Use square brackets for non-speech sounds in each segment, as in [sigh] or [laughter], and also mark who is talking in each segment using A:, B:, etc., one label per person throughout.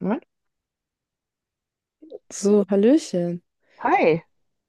A: Moment.
B: So, Hallöchen.
A: Hi.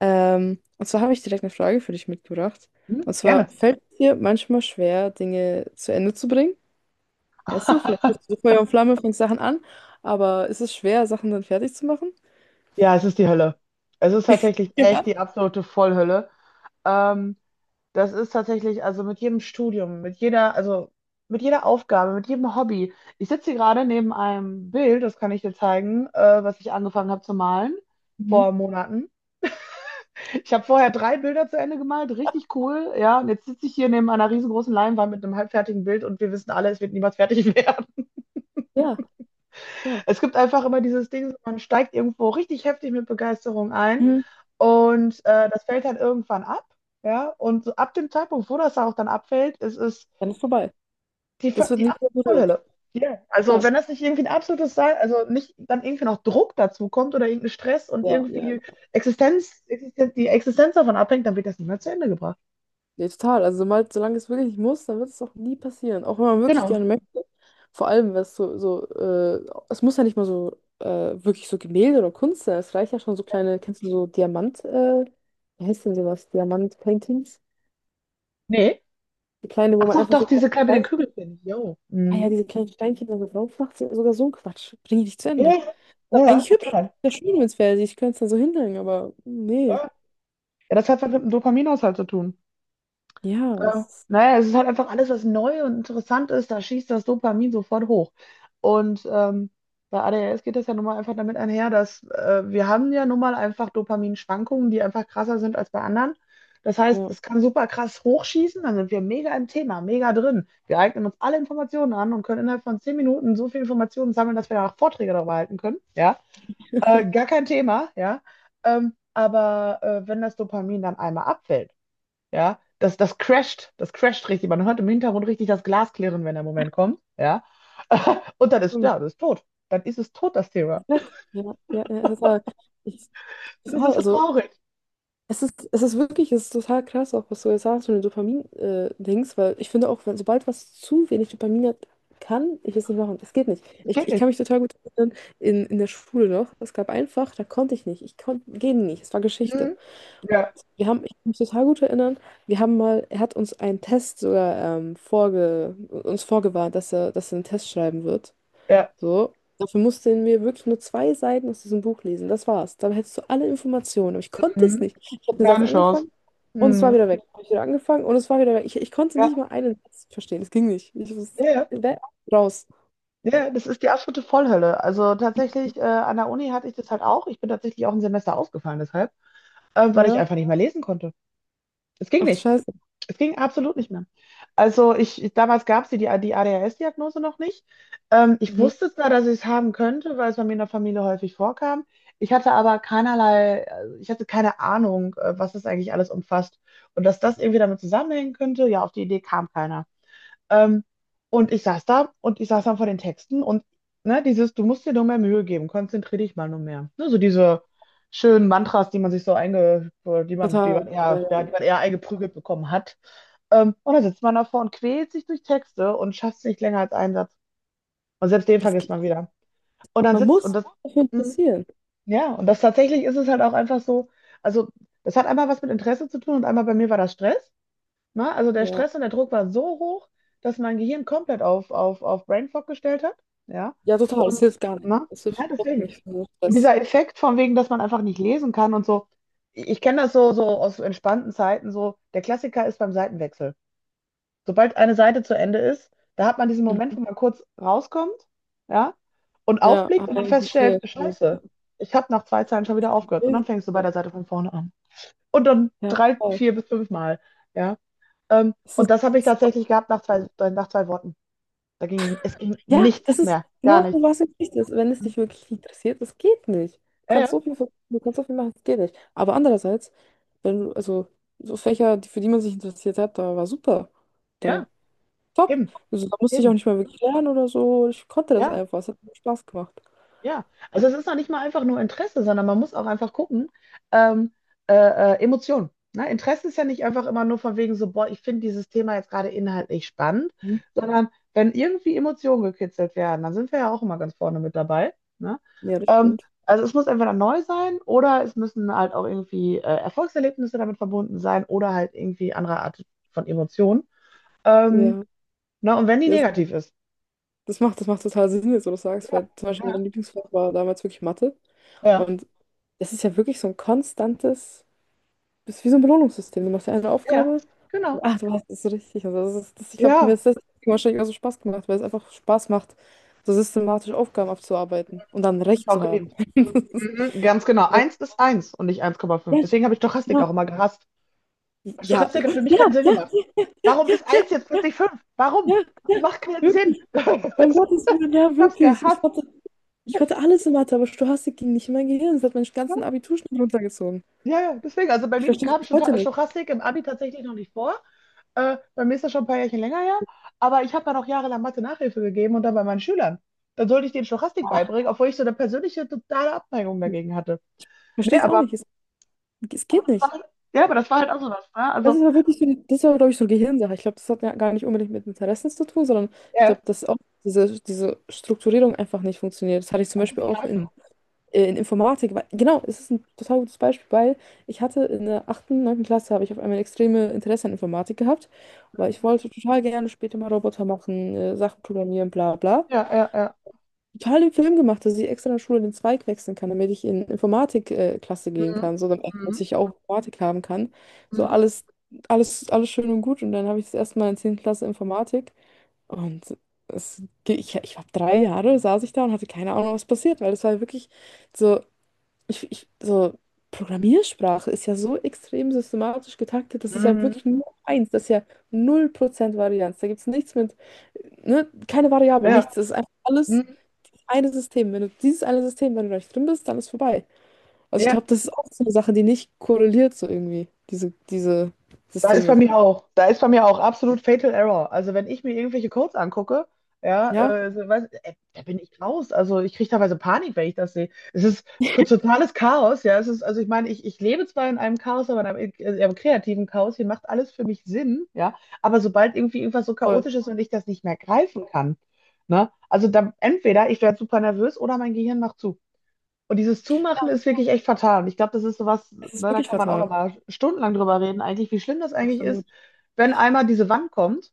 B: Und zwar habe ich direkt eine Frage für dich mitgebracht.
A: Hm,
B: Und
A: gerne.
B: zwar, fällt es dir manchmal schwer, Dinge zu Ende zu bringen? Weißt du, vielleicht bist du
A: [laughs]
B: Feuer und Flamme, fängst Sachen an, aber ist es schwer, Sachen dann fertig zu machen?
A: Ja, es ist die Hölle. Es ist tatsächlich echt
B: Ja.
A: die absolute Vollhölle. Ähm, das ist tatsächlich, also mit jedem Studium, also mit jeder Aufgabe, mit jedem Hobby. Ich sitze hier gerade neben einem Bild, das kann ich dir zeigen, was ich angefangen habe zu malen
B: Mhm.
A: vor Monaten. Ich habe vorher drei Bilder zu Ende gemalt, richtig cool, ja. Und jetzt sitze ich hier neben einer riesengroßen Leinwand mit einem halbfertigen Bild und wir wissen alle, es wird niemals fertig [laughs] werden.
B: Ja, ja.
A: Es gibt einfach immer dieses Ding, man steigt irgendwo richtig heftig mit Begeisterung ein
B: Mhm.
A: und das fällt halt irgendwann ab. Ja, und so ab dem Zeitpunkt, wo das auch dann abfällt, ist es
B: Dann ist vorbei.
A: die,
B: Das
A: Ver-
B: wird
A: die
B: nie
A: absolute
B: wieder berührt.
A: Vollhölle. Ja, also
B: Ja,
A: wenn das nicht irgendwie ein absolutes Sein, also nicht dann irgendwie noch Druck dazu kommt oder irgendein Stress und
B: ja, ja.
A: irgendwie die Existenz davon abhängt, dann wird das nicht mehr zu Ende gebracht.
B: Nee, total. Also mal, solange es wirklich nicht muss, dann wird es auch nie passieren. Auch wenn man wirklich
A: Genau.
B: gerne möchte. Vor allem, wenn es so, so es muss ja nicht mal so wirklich so Gemälde oder Kunst sein. Es reicht ja schon so kleine, kennst du so Diamant, wie heißt denn sowas? Diamant-Paintings?
A: Nee.
B: Die kleine, wo
A: Ach
B: man
A: doch,
B: einfach
A: doch,
B: so
A: diese
B: kleine
A: kleine mit
B: Stein,
A: den Kügelchen. Jo.
B: ah ja,
A: Mhm.
B: diese kleinen Steinchen da so drauf macht, sind sogar so ein Quatsch. Bring ich nicht zu Ende.
A: Ja,
B: Ist
A: ja,
B: aber
A: ja,
B: eigentlich hübsch.
A: total.
B: Sehr schön, wenn es wäre. Ich könnte es dann so hinhängen, aber nee.
A: Ja, ja, das hat was mit dem Dopaminhaushalt zu tun.
B: Ja, es ist,
A: Naja, es ist halt einfach alles, was neu und interessant ist, da schießt das Dopamin sofort hoch. Und bei ADHS geht das ja nun mal einfach damit einher, dass wir haben ja nun mal einfach Dopaminschwankungen, die einfach krasser sind als bei anderen. Das heißt,
B: ja.
A: es kann super krass hochschießen, dann sind wir mega im Thema, mega drin. Wir eignen uns alle Informationen an und können innerhalb von 10 Minuten so viel Informationen sammeln, dass wir danach Vorträge darüber halten können. Ja, gar kein Thema, ja. Aber wenn das Dopamin dann einmal abfällt, ja, das crasht, das crasht richtig. Man hört im Hintergrund richtig das Glas klirren, wenn der Moment kommt. Ja. [laughs] Und dann ist,
B: Hm,
A: ja, das ist tot. Dann ist es tot, das Thema.
B: Perfekt. Ja, ja, ja, total. Ich,
A: Das
B: total.
A: ist so
B: Also.
A: traurig.
B: Es ist wirklich, es ist total krass, auch was du jetzt sagst, wenn den Dopamin-Dings, weil ich finde auch, wenn, sobald was zu wenig Dopamin hat, kann ich es nicht machen. Es geht nicht.
A: Das
B: Ich,
A: geht
B: ich kann
A: nicht.
B: mich total gut erinnern, in der Schule noch, es gab ein Fach, da konnte ich nicht. Ich konnte, ging nicht. Es war Geschichte.
A: Mhm.
B: Und
A: Ja,
B: wir haben, ich kann mich total gut erinnern, wir haben mal, er hat uns einen Test sogar uns vorgewarnt, dass er einen Test schreiben wird.
A: ja.
B: So. Dafür mussten wir wirklich nur zwei Seiten aus diesem Buch lesen. Das war's. Dann hättest du alle Informationen. Aber ich konnte es
A: Mhm.
B: nicht. Ich habe den Satz
A: Keine Chance.
B: angefangen und es war
A: Mhm.
B: wieder weg. Hab ich wieder angefangen und es war wieder weg. Ich konnte nicht
A: Ja,
B: mal einen Satz verstehen. Es ging nicht. Ich muss
A: ja, ja.
B: we- raus.
A: Ja, das ist die absolute Vollhölle. Also tatsächlich, an der Uni hatte ich das halt auch. Ich bin tatsächlich auch ein Semester ausgefallen deshalb, weil ich
B: Ja.
A: einfach nicht mehr lesen konnte. Es ging
B: Ach du
A: nicht.
B: Scheiße.
A: Es ging absolut nicht mehr. Also damals gab es die ADHS-Diagnose noch nicht. Ich
B: Mhm.
A: wusste zwar, dass ich es haben könnte, weil es bei mir in der Familie häufig vorkam. Ich hatte aber keinerlei, ich hatte keine Ahnung, was das eigentlich alles umfasst. Und dass das irgendwie damit zusammenhängen könnte, ja, auf die Idee kam keiner. Ähm, und ich saß da und ich saß dann vor den Texten und ne, dieses, du musst dir nur mehr Mühe geben, konzentriere dich mal nur mehr. Ne, so diese schönen Mantras, die man sich so einge,
B: Total. Ja, ja.
A: die man eher eingeprügelt bekommen hat. Und dann sitzt man davor und quält sich durch Texte und schafft es nicht länger als einen Satz. Und selbst den
B: Es
A: vergisst
B: geht.
A: man wieder. Und dann
B: Man
A: sitzt
B: muss
A: und
B: sich
A: das.
B: dafür
A: Mhm.
B: interessieren.
A: Ja, und das tatsächlich ist es halt auch einfach so, also das hat einmal was mit Interesse zu tun und einmal bei mir war das Stress. Ne? Also der
B: Ja.
A: Stress und der Druck war so hoch, dass mein Gehirn komplett auf Brain Fog gestellt hat. Ja.
B: Ja, total. Es
A: Und
B: hilft gar nicht.
A: ne?
B: Es hilft
A: Ja,
B: überhaupt
A: deswegen.
B: nicht für den
A: Und
B: Stress.
A: dieser Effekt von wegen, dass man einfach nicht lesen kann und so. Ich kenne das so aus entspannten Zeiten, so der Klassiker ist beim Seitenwechsel. Sobald eine Seite zu Ende ist, da hat man diesen Moment,
B: Mhm.
A: wo man kurz rauskommt, ja, und
B: Ja, ah,
A: aufblickt und dann
B: ich
A: feststellt,
B: verstehe. Ja,
A: Scheiße, ich habe nach zwei Zeilen schon wieder aufgehört. Und dann fängst du bei der Seite von vorne an. Und dann
B: ja,
A: drei,
B: total.
A: vier bis fünf Mal, ja.
B: Es
A: Und
B: ist.
A: das habe ich tatsächlich gehabt nach zwei Worten. Es ging
B: Ja, das
A: nichts
B: ist
A: mehr, gar
B: genau so,
A: nichts.
B: was du ist. Wenn es dich wirklich interessiert, das geht nicht. Du
A: Ja, ja,
B: kannst so viel, du kannst so viel machen, das geht nicht. Aber andererseits, wenn du, also so Fächer, für die man sich interessiert hat, da war super. Da
A: ja,
B: top.
A: eben,
B: Also da musste ich auch
A: eben,
B: nicht mal wirklich lernen oder so. Ich konnte das
A: ja.
B: einfach. Es hat mir Spaß gemacht.
A: Ja, also es ist noch nicht mal einfach nur Interesse, sondern man muss auch einfach gucken, ähm, äh, Emotionen. Ne? Interesse ist ja nicht einfach immer nur von wegen so, boah, ich finde dieses Thema jetzt gerade inhaltlich spannend,
B: Mhm.
A: sondern wenn irgendwie Emotionen gekitzelt werden, dann sind wir ja auch immer ganz vorne mit dabei. Ne?
B: Ja, das
A: Ähm,
B: stimmt.
A: also es muss entweder neu sein oder es müssen halt auch irgendwie Erfolgserlebnisse damit verbunden sein oder halt irgendwie andere Art von Emotionen. Ähm,
B: Ja.
A: ne? Und wenn die
B: Ja, das
A: negativ ist.
B: das macht, das macht total Sinn, jetzt, wo du sagst,
A: Ja,
B: weil zum Beispiel mein
A: ja,
B: Lieblingsfach war damals wirklich Mathe.
A: ja,
B: Und das ist ja wirklich so ein konstantes. Das ist wie so ein Belohnungssystem. Du machst ja eine
A: ja,
B: Aufgabe
A: genau.
B: und ach, du hast es richtig. Also das ist, ich glaube, mir
A: Ja,
B: ist das wahrscheinlich auch so Spaß gemacht, weil es einfach Spaß macht, so systematisch Aufgaben abzuarbeiten und dann
A: hab ich
B: Recht
A: auch
B: zu haben.
A: geliebt.
B: [laughs]
A: Mhm, ganz genau. Eins ist eins und nicht eins Komma
B: Ja,
A: fünf Deswegen habe ich Stochastik auch
B: genau.
A: immer gehasst.
B: Ja,
A: Stochastik
B: ja,
A: hat für mich keinen Sinn
B: ja,
A: gemacht.
B: ja,
A: Warum
B: ja,
A: ist
B: ja,
A: eins jetzt plötzlich fünf? Warum?
B: ja,
A: Das
B: ja,
A: macht keinen Sinn.
B: wirklich. Um
A: [laughs]
B: Gottes Willen, ja,
A: Ich hab's
B: wirklich. Ich
A: gehasst.
B: konnte, ich konnte alles in Mathe, aber Stochastik ging nicht in mein Gehirn. Das hat meinen ganzen Abiturschnitt runtergezogen.
A: Ja, ja, deswegen. Also bei
B: Ich
A: mir
B: verstehe es
A: kam
B: bis heute
A: Sto-
B: nicht.
A: Stochastik im Abi tatsächlich noch nicht vor. Bei mir ist das schon ein paar Jährchen länger her. Aber ich habe dann auch jahrelang Mathe-Nachhilfe gegeben und dann bei meinen Schülern. Dann sollte ich denen Stochastik beibringen, obwohl ich so eine persönliche totale Abneigung
B: Ich
A: dagegen hatte. Nee,
B: verstehe es auch nicht.
A: aber,
B: Es
A: aber
B: geht
A: das war,
B: nicht.
A: halt, ja, aber das war halt auch sowas. Ne?
B: Das
A: Also,
B: ist aber wirklich so, das war, glaube ich, so eine Gehirnsache. Ich glaube, das hat ja gar nicht unbedingt mit Interessen zu tun, sondern ich glaube,
A: ja,
B: dass auch diese Strukturierung einfach nicht funktioniert. Das hatte ich zum
A: man muss
B: Beispiel
A: sich
B: auch in,
A: greifen.
B: äh, in Informatik. Weil, genau, es ist ein total gutes Beispiel, weil ich hatte in der achten, neunten Klasse habe ich auf einmal extreme Interesse an Informatik gehabt, weil ich wollte total gerne später mal Roboter machen, Sachen programmieren, bla bla
A: Ja, ja, ja.
B: total den Film gemacht, dass ich extra in der Schule den Zweig wechseln kann, damit ich in Informatikklasse Klasse gehen
A: Mhm.
B: kann, so damit
A: Mhm.
B: ich auch Informatik haben kann. So
A: Mhm.
B: alles, alles, alles schön und gut. Und dann habe ich das erste Mal in 10. Klasse Informatik. Und ich habe 3 Jahre, saß ich da und hatte keine Ahnung, was passiert, weil das war wirklich so, so Programmiersprache ist ja so extrem systematisch getaktet, das ist ja
A: Mhm.
B: wirklich nur eins, das ist ja 0% Varianz. Da gibt es nichts mit ne, keine Variable,
A: Ja.
B: nichts. Es ist einfach alles
A: Mhm.
B: dieses eine System. Wenn du dieses eine System, wenn du da nicht drin bist, dann ist vorbei. Also ich
A: Ja,
B: glaube, das ist auch so eine Sache, die nicht korreliert so irgendwie, diese
A: da ist bei
B: Systeme.
A: mir auch. Da ist bei mir auch absolut Fatal Error. Also wenn ich mir irgendwelche Codes angucke, ja,
B: Ja,
A: so, da bin ich raus. Also ich kriege teilweise Panik, wenn ich das sehe. Es ist totales Chaos, ja. Also ich meine, ich lebe zwar in einem Chaos, aber in einem kreativen Chaos, hier macht alles für mich Sinn, ja. Aber sobald irgendwie irgendwas so
B: voll.
A: chaotisch ist und ich das nicht mehr greifen kann, ne, also dann entweder ich werde super nervös oder mein Gehirn macht zu. Und dieses Zumachen ist wirklich echt fatal. Und ich glaube, das ist sowas, ne,
B: Es ist
A: da
B: wirklich
A: kann man auch
B: fatal.
A: noch mal stundenlang drüber reden, eigentlich, wie schlimm das eigentlich ist,
B: Absolut.
A: wenn einmal diese Wand kommt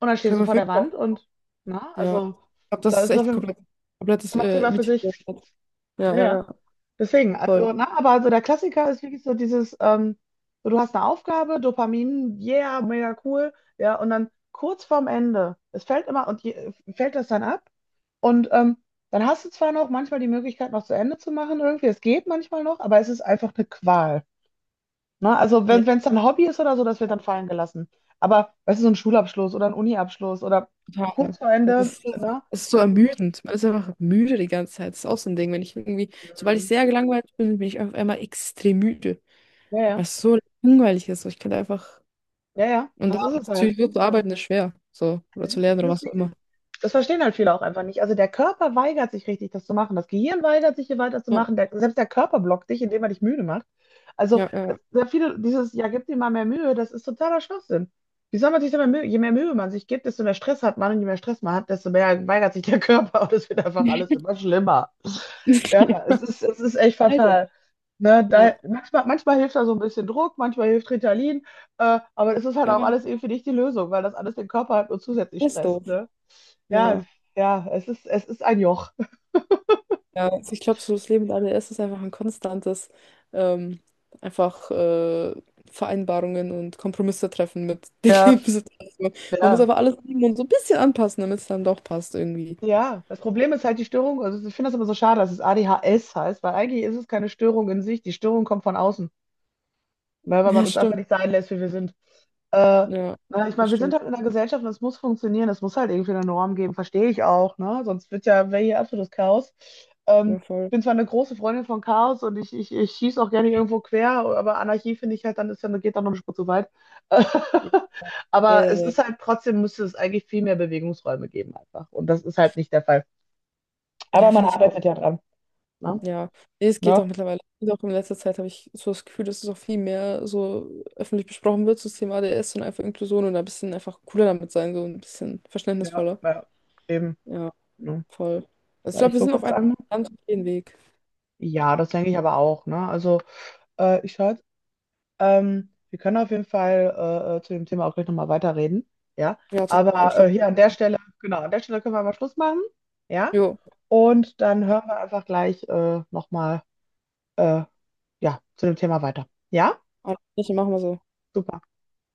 A: und dann stehst
B: Können
A: du
B: wir auf
A: vor der
B: jeden Fall.
A: Wand und, na,
B: Ja.
A: also,
B: Ich glaube, das
A: da
B: ist
A: ist noch
B: echt
A: ein
B: komplett, komplettes
A: Thema für
B: Mythos.
A: sich.
B: Ja, ja,
A: Naja,
B: ja.
A: deswegen,
B: Voll.
A: also, na, aber also der Klassiker ist wirklich so dieses, so, du hast eine Aufgabe, Dopamin, yeah, mega cool, ja, und dann kurz vorm Ende, es fällt immer, fällt das dann ab? Und dann hast du zwar noch manchmal die Möglichkeit, noch zu Ende zu machen irgendwie, es geht manchmal noch, aber es ist einfach eine Qual. Ne? Also
B: Ja,
A: wenn es dann Hobby ist oder so, das wird dann fallen gelassen. Aber weißt du, so ein Schulabschluss oder ein Uniabschluss oder
B: total.
A: kurz vor
B: Also es
A: Ende,
B: ist,
A: ne?
B: es ist so ermüdend. Man ist einfach müde die ganze Zeit. Das ist auch so ein Ding. Wenn ich irgendwie, sobald ich
A: Mhm.
B: sehr gelangweilt bin, bin ich auf einmal extrem müde.
A: Ja, ja,
B: Was so langweilig ist. So, ich könnte einfach.
A: ja, ja,
B: Und da
A: das ist es halt.
B: natürlich wird zu arbeiten ist schwer. So, oder
A: Das
B: zu lernen oder
A: das ist
B: was auch immer.
A: wirklich. Das verstehen halt viele auch einfach nicht. Also der Körper weigert sich richtig, das zu machen. Das Gehirn weigert sich, hier
B: Ja,
A: weiterzumachen. Selbst der Körper blockt dich, indem er dich müde macht. Also
B: ja, ja.
A: sehr viele, dieses, ja, gib dir mal mehr Mühe, das ist totaler Schwachsinn. Wie soll man sich denn mehr Mühe, je mehr Mühe man sich gibt, desto mehr Stress hat man und je mehr Stress man hat, desto mehr weigert sich der [laughs] Körper und es wird einfach alles immer schlimmer. Ja, es
B: [laughs]
A: ist, es ist echt
B: Leider.
A: fatal. Ne,
B: Ja,
A: da, manchmal hilft da so ein bisschen Druck, manchmal hilft Ritalin, aber das ist halt auch alles
B: ja,
A: irgendwie nicht die Lösung, weil das alles den Körper halt nur zusätzlich
B: das ist
A: stresst,
B: doof.
A: ne? Ja,
B: Ja,
A: ja, es ist ein Joch. [laughs]
B: ja. Also ich glaube, so das Leben mit ADS ist einfach ein konstantes, ähm, einfach Vereinbarungen und Kompromisse treffen mit [laughs] den
A: Ja,
B: Lebenssituationen. Man muss
A: ja,
B: aber alles nehmen so ein bisschen anpassen, damit es dann doch passt irgendwie.
A: ja. Das Problem ist halt die Störung, also ich finde das immer so schade, dass es ADHS heißt, weil eigentlich ist es keine Störung in sich, die Störung kommt von außen. Ne, weil man
B: Ja,
A: uns einfach
B: stimmt.
A: nicht sein lässt, wie wir sind. Äh,
B: Ja,
A: na, ich
B: das
A: meine, wir sind
B: stimmt.
A: halt in einer Gesellschaft und es muss funktionieren, es muss halt irgendwie eine Norm geben, verstehe ich auch, ne? Sonst wäre hier absolutes Chaos. Ähm,
B: Ja,
A: Ich
B: voll.
A: bin zwar eine große Freundin von Chaos und ich schieße auch gerne irgendwo quer, aber Anarchie finde ich halt, geht dann noch eine Spur zu weit. [laughs]
B: Äh,
A: Aber es
B: ja, ja.
A: ist halt trotzdem, müsste es eigentlich viel mehr Bewegungsräume geben einfach. Und das ist halt nicht der Fall. Aber
B: Ja,
A: man
B: finde ich auch.
A: arbeitet ja dran. Ne?
B: Ja, nee, es geht auch
A: Ne?
B: mittlerweile. Und auch in letzter Zeit habe ich so das Gefühl, dass es auch viel mehr so öffentlich besprochen wird, so das Thema ADS und einfach Inklusion und ein bisschen einfach cooler damit sein, so ein bisschen
A: Ja,
B: verständnisvoller.
A: ja, eben.
B: Ja,
A: Ne?
B: voll. Also ich
A: So,
B: glaube,
A: ich
B: wir sind
A: gucke
B: auf
A: jetzt
B: einem
A: an.
B: ganz guten Weg.
A: Ja, das denke ich aber auch, ne? Also, ich schaue, wir können auf jeden Fall zu dem Thema auch gleich nochmal weiterreden, ja?
B: Ja, total.
A: Aber
B: Ich glaube,
A: hier an der Stelle, genau, an der Stelle können wir mal Schluss machen, ja?
B: jo,
A: Und dann hören wir einfach gleich nochmal, äh, ja, zu dem Thema weiter, ja?
B: alles Gute, machen wir so.
A: Super.